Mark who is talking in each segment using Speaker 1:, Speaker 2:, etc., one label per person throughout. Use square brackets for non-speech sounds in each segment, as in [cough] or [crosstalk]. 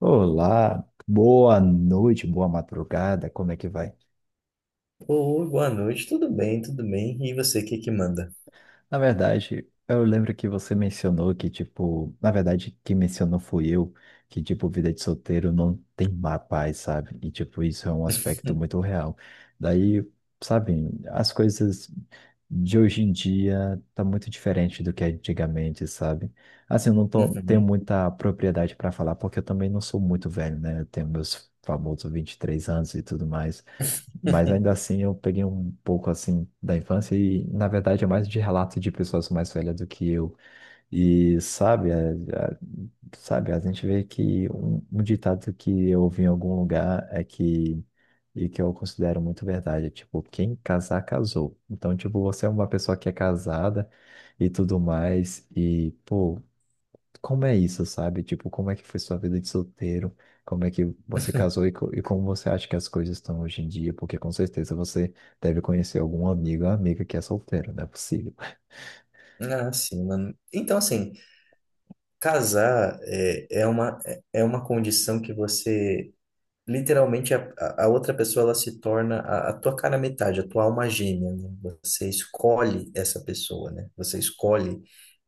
Speaker 1: Olá, boa noite, boa madrugada, como é que vai?
Speaker 2: Oi, boa noite, tudo bem, tudo bem. E você, o que que manda?
Speaker 1: Na verdade, eu lembro que você mencionou que, tipo, na verdade, quem mencionou fui eu, que, tipo, vida de solteiro não tem má paz, sabe? E, tipo, isso é um aspecto muito
Speaker 2: [laughs]
Speaker 1: real. Daí, sabe, as coisas de hoje em dia tá muito diferente do que é antigamente, sabe? Assim, eu não tô, tenho
Speaker 2: Uhum.
Speaker 1: muita propriedade para falar, porque eu também não sou muito velho, né? Eu tenho meus famosos 23 anos e tudo mais. Mas ainda assim eu peguei um pouco assim da infância e na verdade é mais de relato de pessoas mais velhas do que eu. E sabe, a- sabe, a gente vê que um ditado que eu ouvi em algum lugar é que e que eu considero muito verdade, é tipo, quem casar casou. Então, tipo, você é uma pessoa que é casada e tudo mais e pô, como é isso, sabe? Tipo, como é que foi sua vida de solteiro? Como é que você casou e como você acha que as coisas estão hoje em dia? Porque com certeza você deve conhecer algum amigo ou amiga que é solteiro, não é possível.
Speaker 2: Ah, sim, mano. Então, assim, casar é, é uma condição que você literalmente a outra pessoa ela se torna a tua cara metade, a tua alma gêmea, né? Você escolhe essa pessoa, né? Você escolhe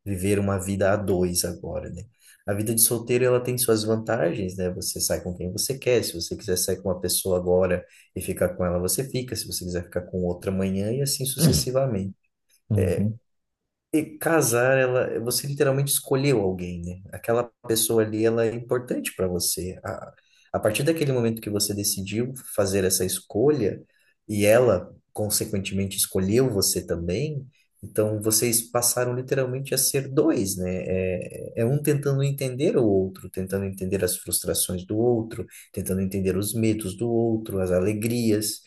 Speaker 2: viver uma vida a dois agora, né? A vida de solteiro ela tem suas vantagens, né? Você sai com quem você quer, se você quiser sair com uma pessoa agora e ficar com ela, você fica, se você quiser ficar com outra amanhã e assim
Speaker 1: [clears throat]
Speaker 2: sucessivamente. É,
Speaker 1: Uhum.
Speaker 2: e casar, ela, você literalmente escolheu alguém, né? Aquela pessoa ali, ela é importante para você. A partir daquele momento que você decidiu fazer essa escolha, e ela, consequentemente, escolheu você também, então vocês passaram literalmente a ser dois, né? É, é um tentando entender o outro, tentando entender as frustrações do outro, tentando entender os medos do outro, as alegrias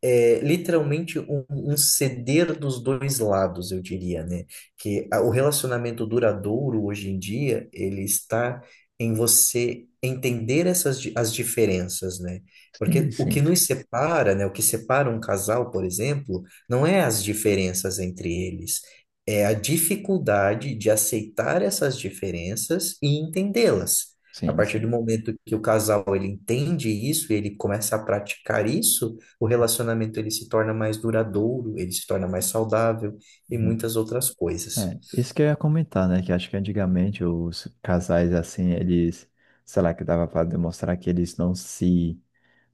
Speaker 2: é literalmente um, um ceder dos dois lados, eu diria, né? O relacionamento duradouro hoje em dia, ele está em você entender as diferenças, né?
Speaker 1: Sim,
Speaker 2: Porque o que
Speaker 1: sim,
Speaker 2: nos separa, né? O que separa um casal, por exemplo, não é as diferenças entre eles, é a dificuldade de aceitar essas diferenças e entendê-las. A
Speaker 1: sim,
Speaker 2: partir do
Speaker 1: sim.
Speaker 2: momento que o casal ele entende isso, ele começa a praticar isso, o relacionamento ele se torna mais duradouro, ele se torna mais saudável e
Speaker 1: Uhum.
Speaker 2: muitas outras coisas.
Speaker 1: É, isso que eu ia comentar, né? Que acho que antigamente os casais, assim, eles, sei lá, que dava para demonstrar que eles não se.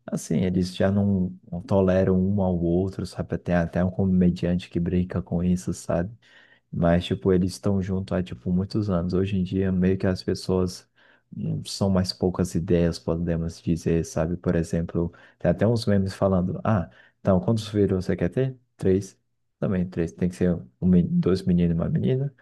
Speaker 1: Assim, eles já não toleram um ao outro, sabe? Tem até um comediante que brinca com isso, sabe? Mas, tipo, eles estão junto há, tipo, muitos anos. Hoje em dia, meio que as pessoas são mais poucas ideias, podemos dizer, sabe? Por exemplo, tem até uns memes falando, ah, então, quantos filhos você quer ter? Três. Também três. Tem que ser dois meninos e uma menina.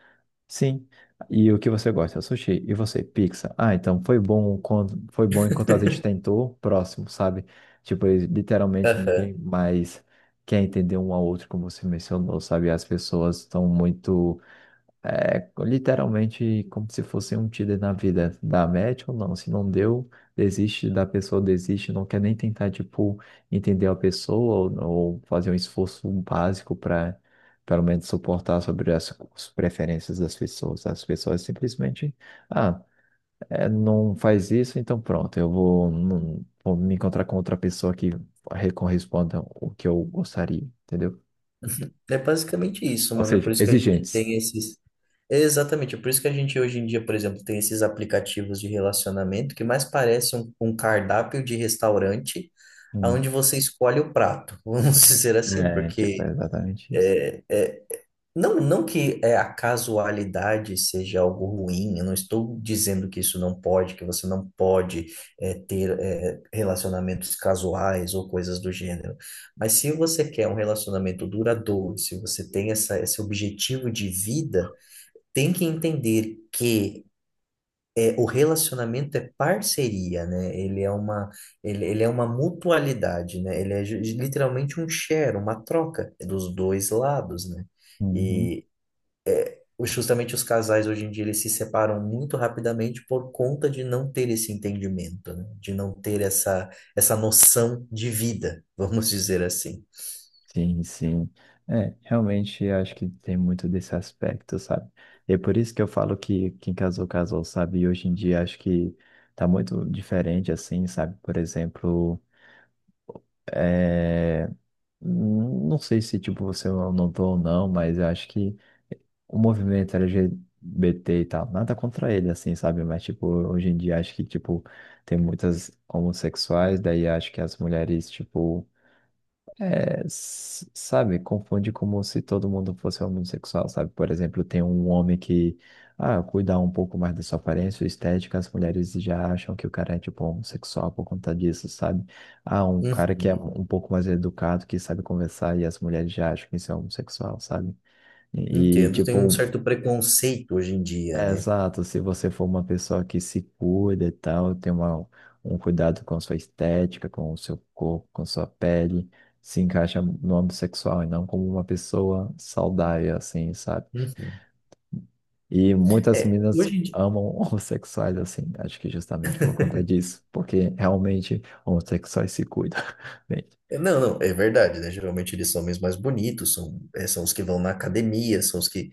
Speaker 1: Sim. E o que você gosta? Sushi. E você? Pizza. Ah, então, foi bom enquanto a gente
Speaker 2: [laughs]
Speaker 1: tentou. Próximo, sabe? Tipo, eles- literalmente
Speaker 2: Aham.
Speaker 1: ninguém mais quer entender um ao outro, como você mencionou, sabe? As pessoas estão muito é literalmente como se fosse um Tinder na vida. Dá match ou não? Se não deu, desiste, não quer nem tentar, tipo, entender a pessoa ou fazer um esforço básico para, pelo menos, suportar sobre as, as preferências das pessoas. As pessoas simplesmente, ah, não faz isso, então pronto, eu vou, não- vou me encontrar com outra pessoa que corresponda o que eu gostaria, entendeu?
Speaker 2: É basicamente isso,
Speaker 1: Ou
Speaker 2: mano. É por
Speaker 1: seja,
Speaker 2: isso que a gente
Speaker 1: exigentes.
Speaker 2: tem esses. É exatamente, é por isso que a gente hoje em dia, por exemplo, tem esses aplicativos de relacionamento que mais parecem um, um cardápio de restaurante,
Speaker 1: Hum.
Speaker 2: onde você escolhe o prato, [laughs] vamos dizer assim,
Speaker 1: É, tipo, é
Speaker 2: porque
Speaker 1: exatamente isso.
Speaker 2: é, não, a casualidade seja algo ruim, eu não estou dizendo que isso não pode, que você não pode é, ter é, relacionamentos casuais ou coisas do gênero. Mas se você quer um relacionamento duradouro, se você tem essa, esse objetivo de vida, tem que entender que é, o relacionamento é parceria, né? Ele é uma, ele é uma mutualidade, né? Ele é literalmente um share, uma troca dos dois lados, né?
Speaker 1: Uhum.
Speaker 2: E justamente os casais hoje em dia eles se separam muito rapidamente por conta de não ter esse entendimento, né? De não ter essa, essa noção de vida, [laughs] vamos dizer assim.
Speaker 1: Sim, sim. É, realmente eu acho que tem muito desse aspecto, sabe? E é por isso que eu falo que quem casou, casou, sabe? E hoje em dia acho que tá muito diferente, assim, sabe? Por exemplo, é... não sei se, tipo, você notou ou não, mas eu acho que o movimento LGBT e tal, nada contra ele, assim, sabe? Mas, tipo, hoje em dia acho que, tipo, tem muitas homossexuais, daí acho que as mulheres, tipo sabe, confunde como se todo mundo fosse homossexual, sabe? Por exemplo, tem um homem que, ah, cuida um pouco mais da sua aparência estética, as mulheres já acham que o cara é, tipo, homossexual por conta disso, sabe? Ah, um
Speaker 2: Uhum,
Speaker 1: cara que é um pouco mais educado, que sabe conversar, e as mulheres já acham que isso é homossexual, sabe?
Speaker 2: entendo, tem um
Speaker 1: Tipo,
Speaker 2: certo preconceito hoje em dia,
Speaker 1: é,
Speaker 2: né?
Speaker 1: exato, se você for uma pessoa que se cuida e tal, tem uma, um cuidado com sua estética, com o seu corpo, com sua pele, se encaixa no âmbito sexual e não como uma pessoa saudável, assim, sabe?
Speaker 2: Uhum.
Speaker 1: E muitas
Speaker 2: É,
Speaker 1: meninas
Speaker 2: hoje em dia.
Speaker 1: amam [laughs] homossexuais, assim, acho que justamente por conta disso, porque realmente homossexuais se cuidam. [laughs] Bem,
Speaker 2: Não, não, é verdade, né? Geralmente eles são mesmo mais bonitos, são, é, são os que vão na academia, são os que.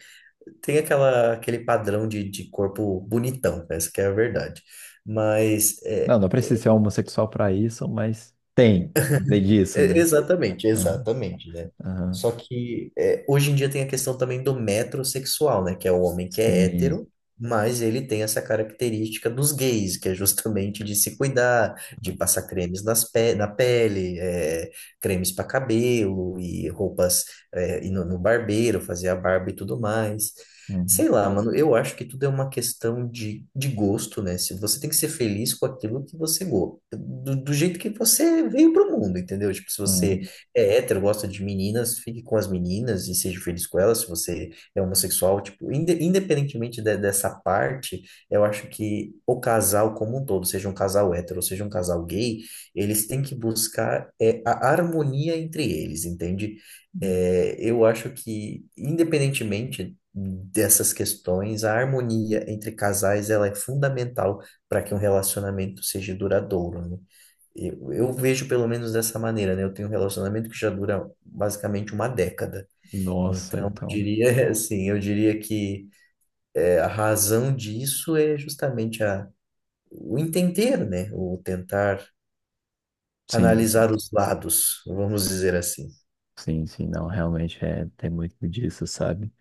Speaker 2: Tem aquela, aquele padrão de corpo bonitão, essa que é a verdade. Mas é,
Speaker 1: não precisa ser homossexual para isso, mas tem disso,
Speaker 2: é,
Speaker 1: né?
Speaker 2: exatamente,
Speaker 1: Aham,
Speaker 2: exatamente, né? Só
Speaker 1: aham,
Speaker 2: que é, hoje em dia tem a questão também do metrosexual, né? Que é o homem que é
Speaker 1: sim.
Speaker 2: hétero, mas ele tem essa característica dos gays, que é justamente de se cuidar, de passar cremes nas pe na pele, é, cremes para cabelo e roupas é, ir no, no barbeiro, fazer a barba e tudo mais.
Speaker 1: Uhum,
Speaker 2: Sei lá, mano, eu acho que tudo é uma questão de gosto, né? Se você tem que ser feliz com aquilo que você gosta, do, do jeito que você veio pro mundo, entendeu? Tipo, se você
Speaker 1: uhum.
Speaker 2: é hétero, gosta de meninas, fique com as meninas e seja feliz com elas. Se você é homossexual, tipo, independentemente dessa parte, eu acho que o casal como um todo, seja um casal hétero, ou seja um casal gay, eles têm que buscar é, a harmonia entre eles, entende?
Speaker 1: Uhum.
Speaker 2: É, eu acho que, independentemente dessas questões, a harmonia entre casais, ela é fundamental para que um relacionamento seja duradouro, né? Eu vejo pelo menos dessa maneira, né? Eu tenho um relacionamento que já dura basicamente uma década.
Speaker 1: Nossa,
Speaker 2: Então, eu
Speaker 1: então.
Speaker 2: diria [laughs] assim, eu diria que é, a razão disso é justamente a, o entender, né? O tentar
Speaker 1: Sim, sim,
Speaker 2: analisar os lados, vamos dizer assim.
Speaker 1: sim, sim, não, realmente é, tem muito disso, sabe?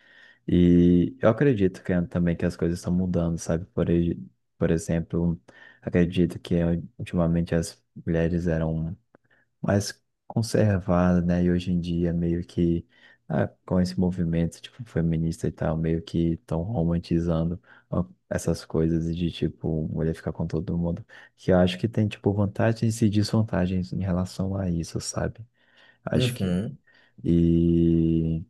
Speaker 1: E eu acredito que é também que as coisas estão mudando, sabe? Por exemplo, acredito que ultimamente as mulheres eram mais conservada, né? E hoje em dia meio que com esse movimento tipo feminista e tal, meio que estão romantizando essas coisas de tipo mulher ficar com todo mundo, que eu acho que tem tipo vantagens e desvantagens em relação a isso, sabe? Acho que
Speaker 2: Uhum.
Speaker 1: e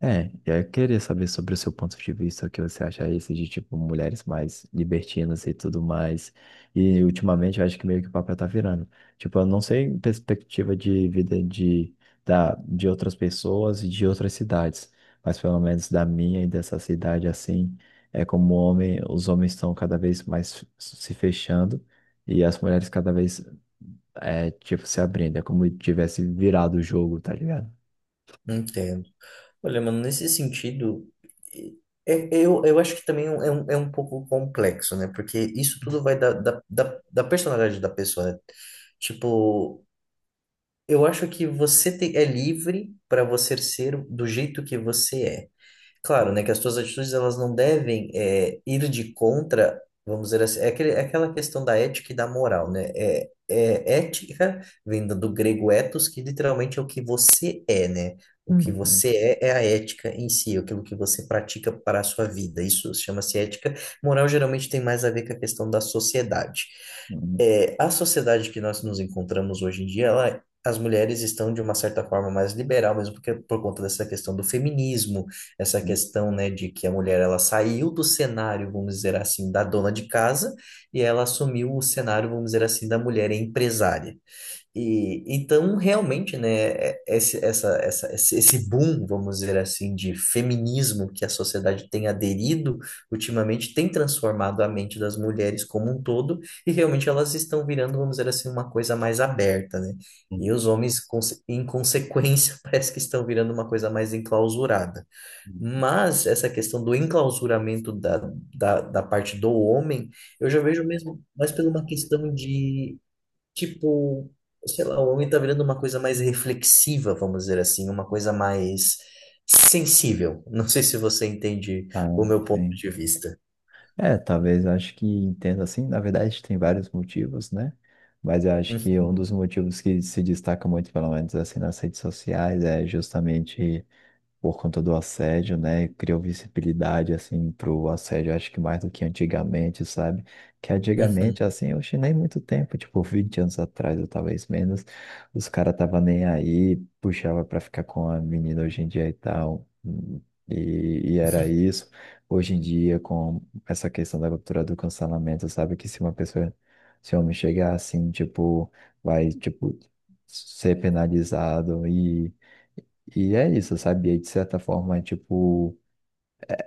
Speaker 1: eu queria saber sobre o seu ponto de vista, o que você acha esse de, tipo, mulheres mais libertinas e tudo mais. E, ultimamente, eu acho que meio que o papel tá virando. Tipo, eu não sei em perspectiva de outras pessoas e de outras cidades, mas pelo menos da minha e dessa cidade, assim, é como homem, os homens estão cada vez mais se fechando e as mulheres cada vez, é, tipo, se abrindo. É como tivesse virado o jogo, tá ligado?
Speaker 2: Entendo. Olha, mano, nesse sentido, é- é, eu acho que também é um pouco complexo, né? Porque isso tudo vai da personalidade da pessoa, né? Tipo, eu acho que você é livre para você ser do jeito que você é. Claro, né, que as tuas atitudes elas não devem é, ir de contra, vamos dizer assim, é, aquele, é aquela questão da ética e da moral, né? É, é ética vem do grego ethos, que literalmente é o que você é, né? O que
Speaker 1: Uhum.
Speaker 2: você é é a ética em si, é aquilo que você pratica para a sua vida. Isso chama-se ética. Moral geralmente tem mais a ver com a questão da sociedade.
Speaker 1: Uhum.
Speaker 2: É, a sociedade que nós nos encontramos hoje em dia, ela, as mulheres estão de uma certa forma mais liberal, mesmo porque por conta dessa questão do feminismo essa
Speaker 1: Uhum,
Speaker 2: questão, né, de que a mulher ela saiu do cenário, vamos dizer assim, da dona de casa e ela assumiu o cenário, vamos dizer assim, da mulher empresária. E então realmente, né, é, esse, esse boom, vamos dizer assim, de feminismo que a sociedade tem aderido ultimamente tem transformado a mente das mulheres como um todo e realmente elas estão virando, vamos dizer assim, uma coisa mais aberta, né?
Speaker 1: uhum.
Speaker 2: E os homens, em consequência, [laughs] parece que estão virando uma coisa mais enclausurada. Mas essa questão do enclausuramento da, da parte do homem, eu já vejo mesmo mais por uma questão de, tipo, sei lá, o homem tá virando uma coisa mais reflexiva, vamos dizer assim, uma coisa mais sensível. Não sei se você entende
Speaker 1: Ah,
Speaker 2: o meu ponto
Speaker 1: sim.
Speaker 2: de vista.
Speaker 1: É, talvez eu acho que entenda assim. Na verdade, tem vários motivos, né? Mas
Speaker 2: [laughs]
Speaker 1: eu acho que um
Speaker 2: Uhum,
Speaker 1: dos motivos que se destaca muito, pelo menos assim, nas redes sociais, é justamente por conta do assédio, né? Criou visibilidade, assim, pro assédio, acho que mais do que antigamente, sabe? Que antigamente,
Speaker 2: uhum,
Speaker 1: assim, eu achei nem muito tempo, tipo, 20 anos atrás, ou talvez menos, os caras tava nem aí, puxava pra ficar com a menina hoje em dia e tal. E era isso. Hoje em dia, com essa questão da cultura do cancelamento, sabe? Que se uma pessoa, se um homem chegar assim, tipo, vai, tipo, ser penalizado e é isso, sabe? E aí, de certa forma, é, tipo,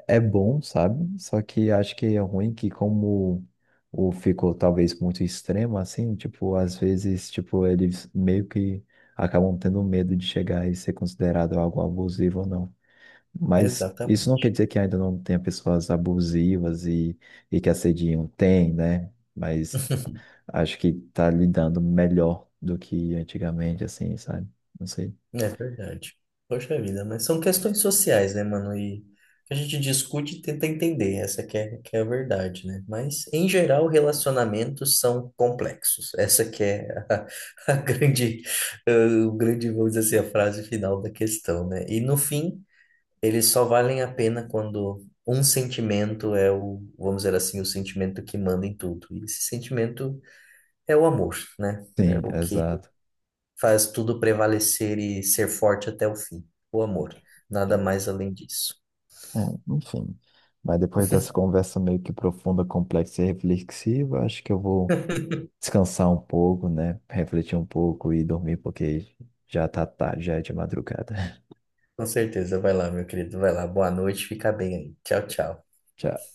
Speaker 1: é bom, sabe? Só que acho que é ruim que como o ficou talvez muito extremo, assim, tipo, às vezes, tipo, eles meio que acabam tendo medo de chegar e ser considerado algo abusivo ou não. Mas isso não quer
Speaker 2: exatamente.
Speaker 1: dizer que ainda não tenha pessoas abusivas e que assediam. Tem, né? Mas
Speaker 2: [laughs]
Speaker 1: acho que tá lidando melhor do que antigamente, assim, sabe? Não sei.
Speaker 2: É verdade. Poxa vida, mas são questões sociais, né, mano? E a gente discute e tenta entender, essa que é a verdade, né? Mas, em geral, relacionamentos são complexos. Essa que é a, [laughs] a grande, eh, o grande, vamos dizer assim, a frase final da questão, né? E, no fim, eles só valem a pena quando um sentimento é o, vamos dizer assim, o sentimento que manda em tudo. E esse sentimento é o amor, né? É
Speaker 1: Sim,
Speaker 2: o que
Speaker 1: exato.
Speaker 2: faz tudo prevalecer e ser forte até o fim. O amor. Nada mais além disso.
Speaker 1: É, enfim. Mas depois dessa conversa meio que profunda, complexa e reflexiva, acho que eu vou
Speaker 2: [laughs]
Speaker 1: descansar um pouco, né? Refletir um pouco e dormir, porque já tá tarde, já é de madrugada. [laughs]
Speaker 2: Com certeza. Vai lá, meu querido. Vai lá. Boa noite. Fica bem aí. Tchau, tchau.
Speaker 1: Tchau.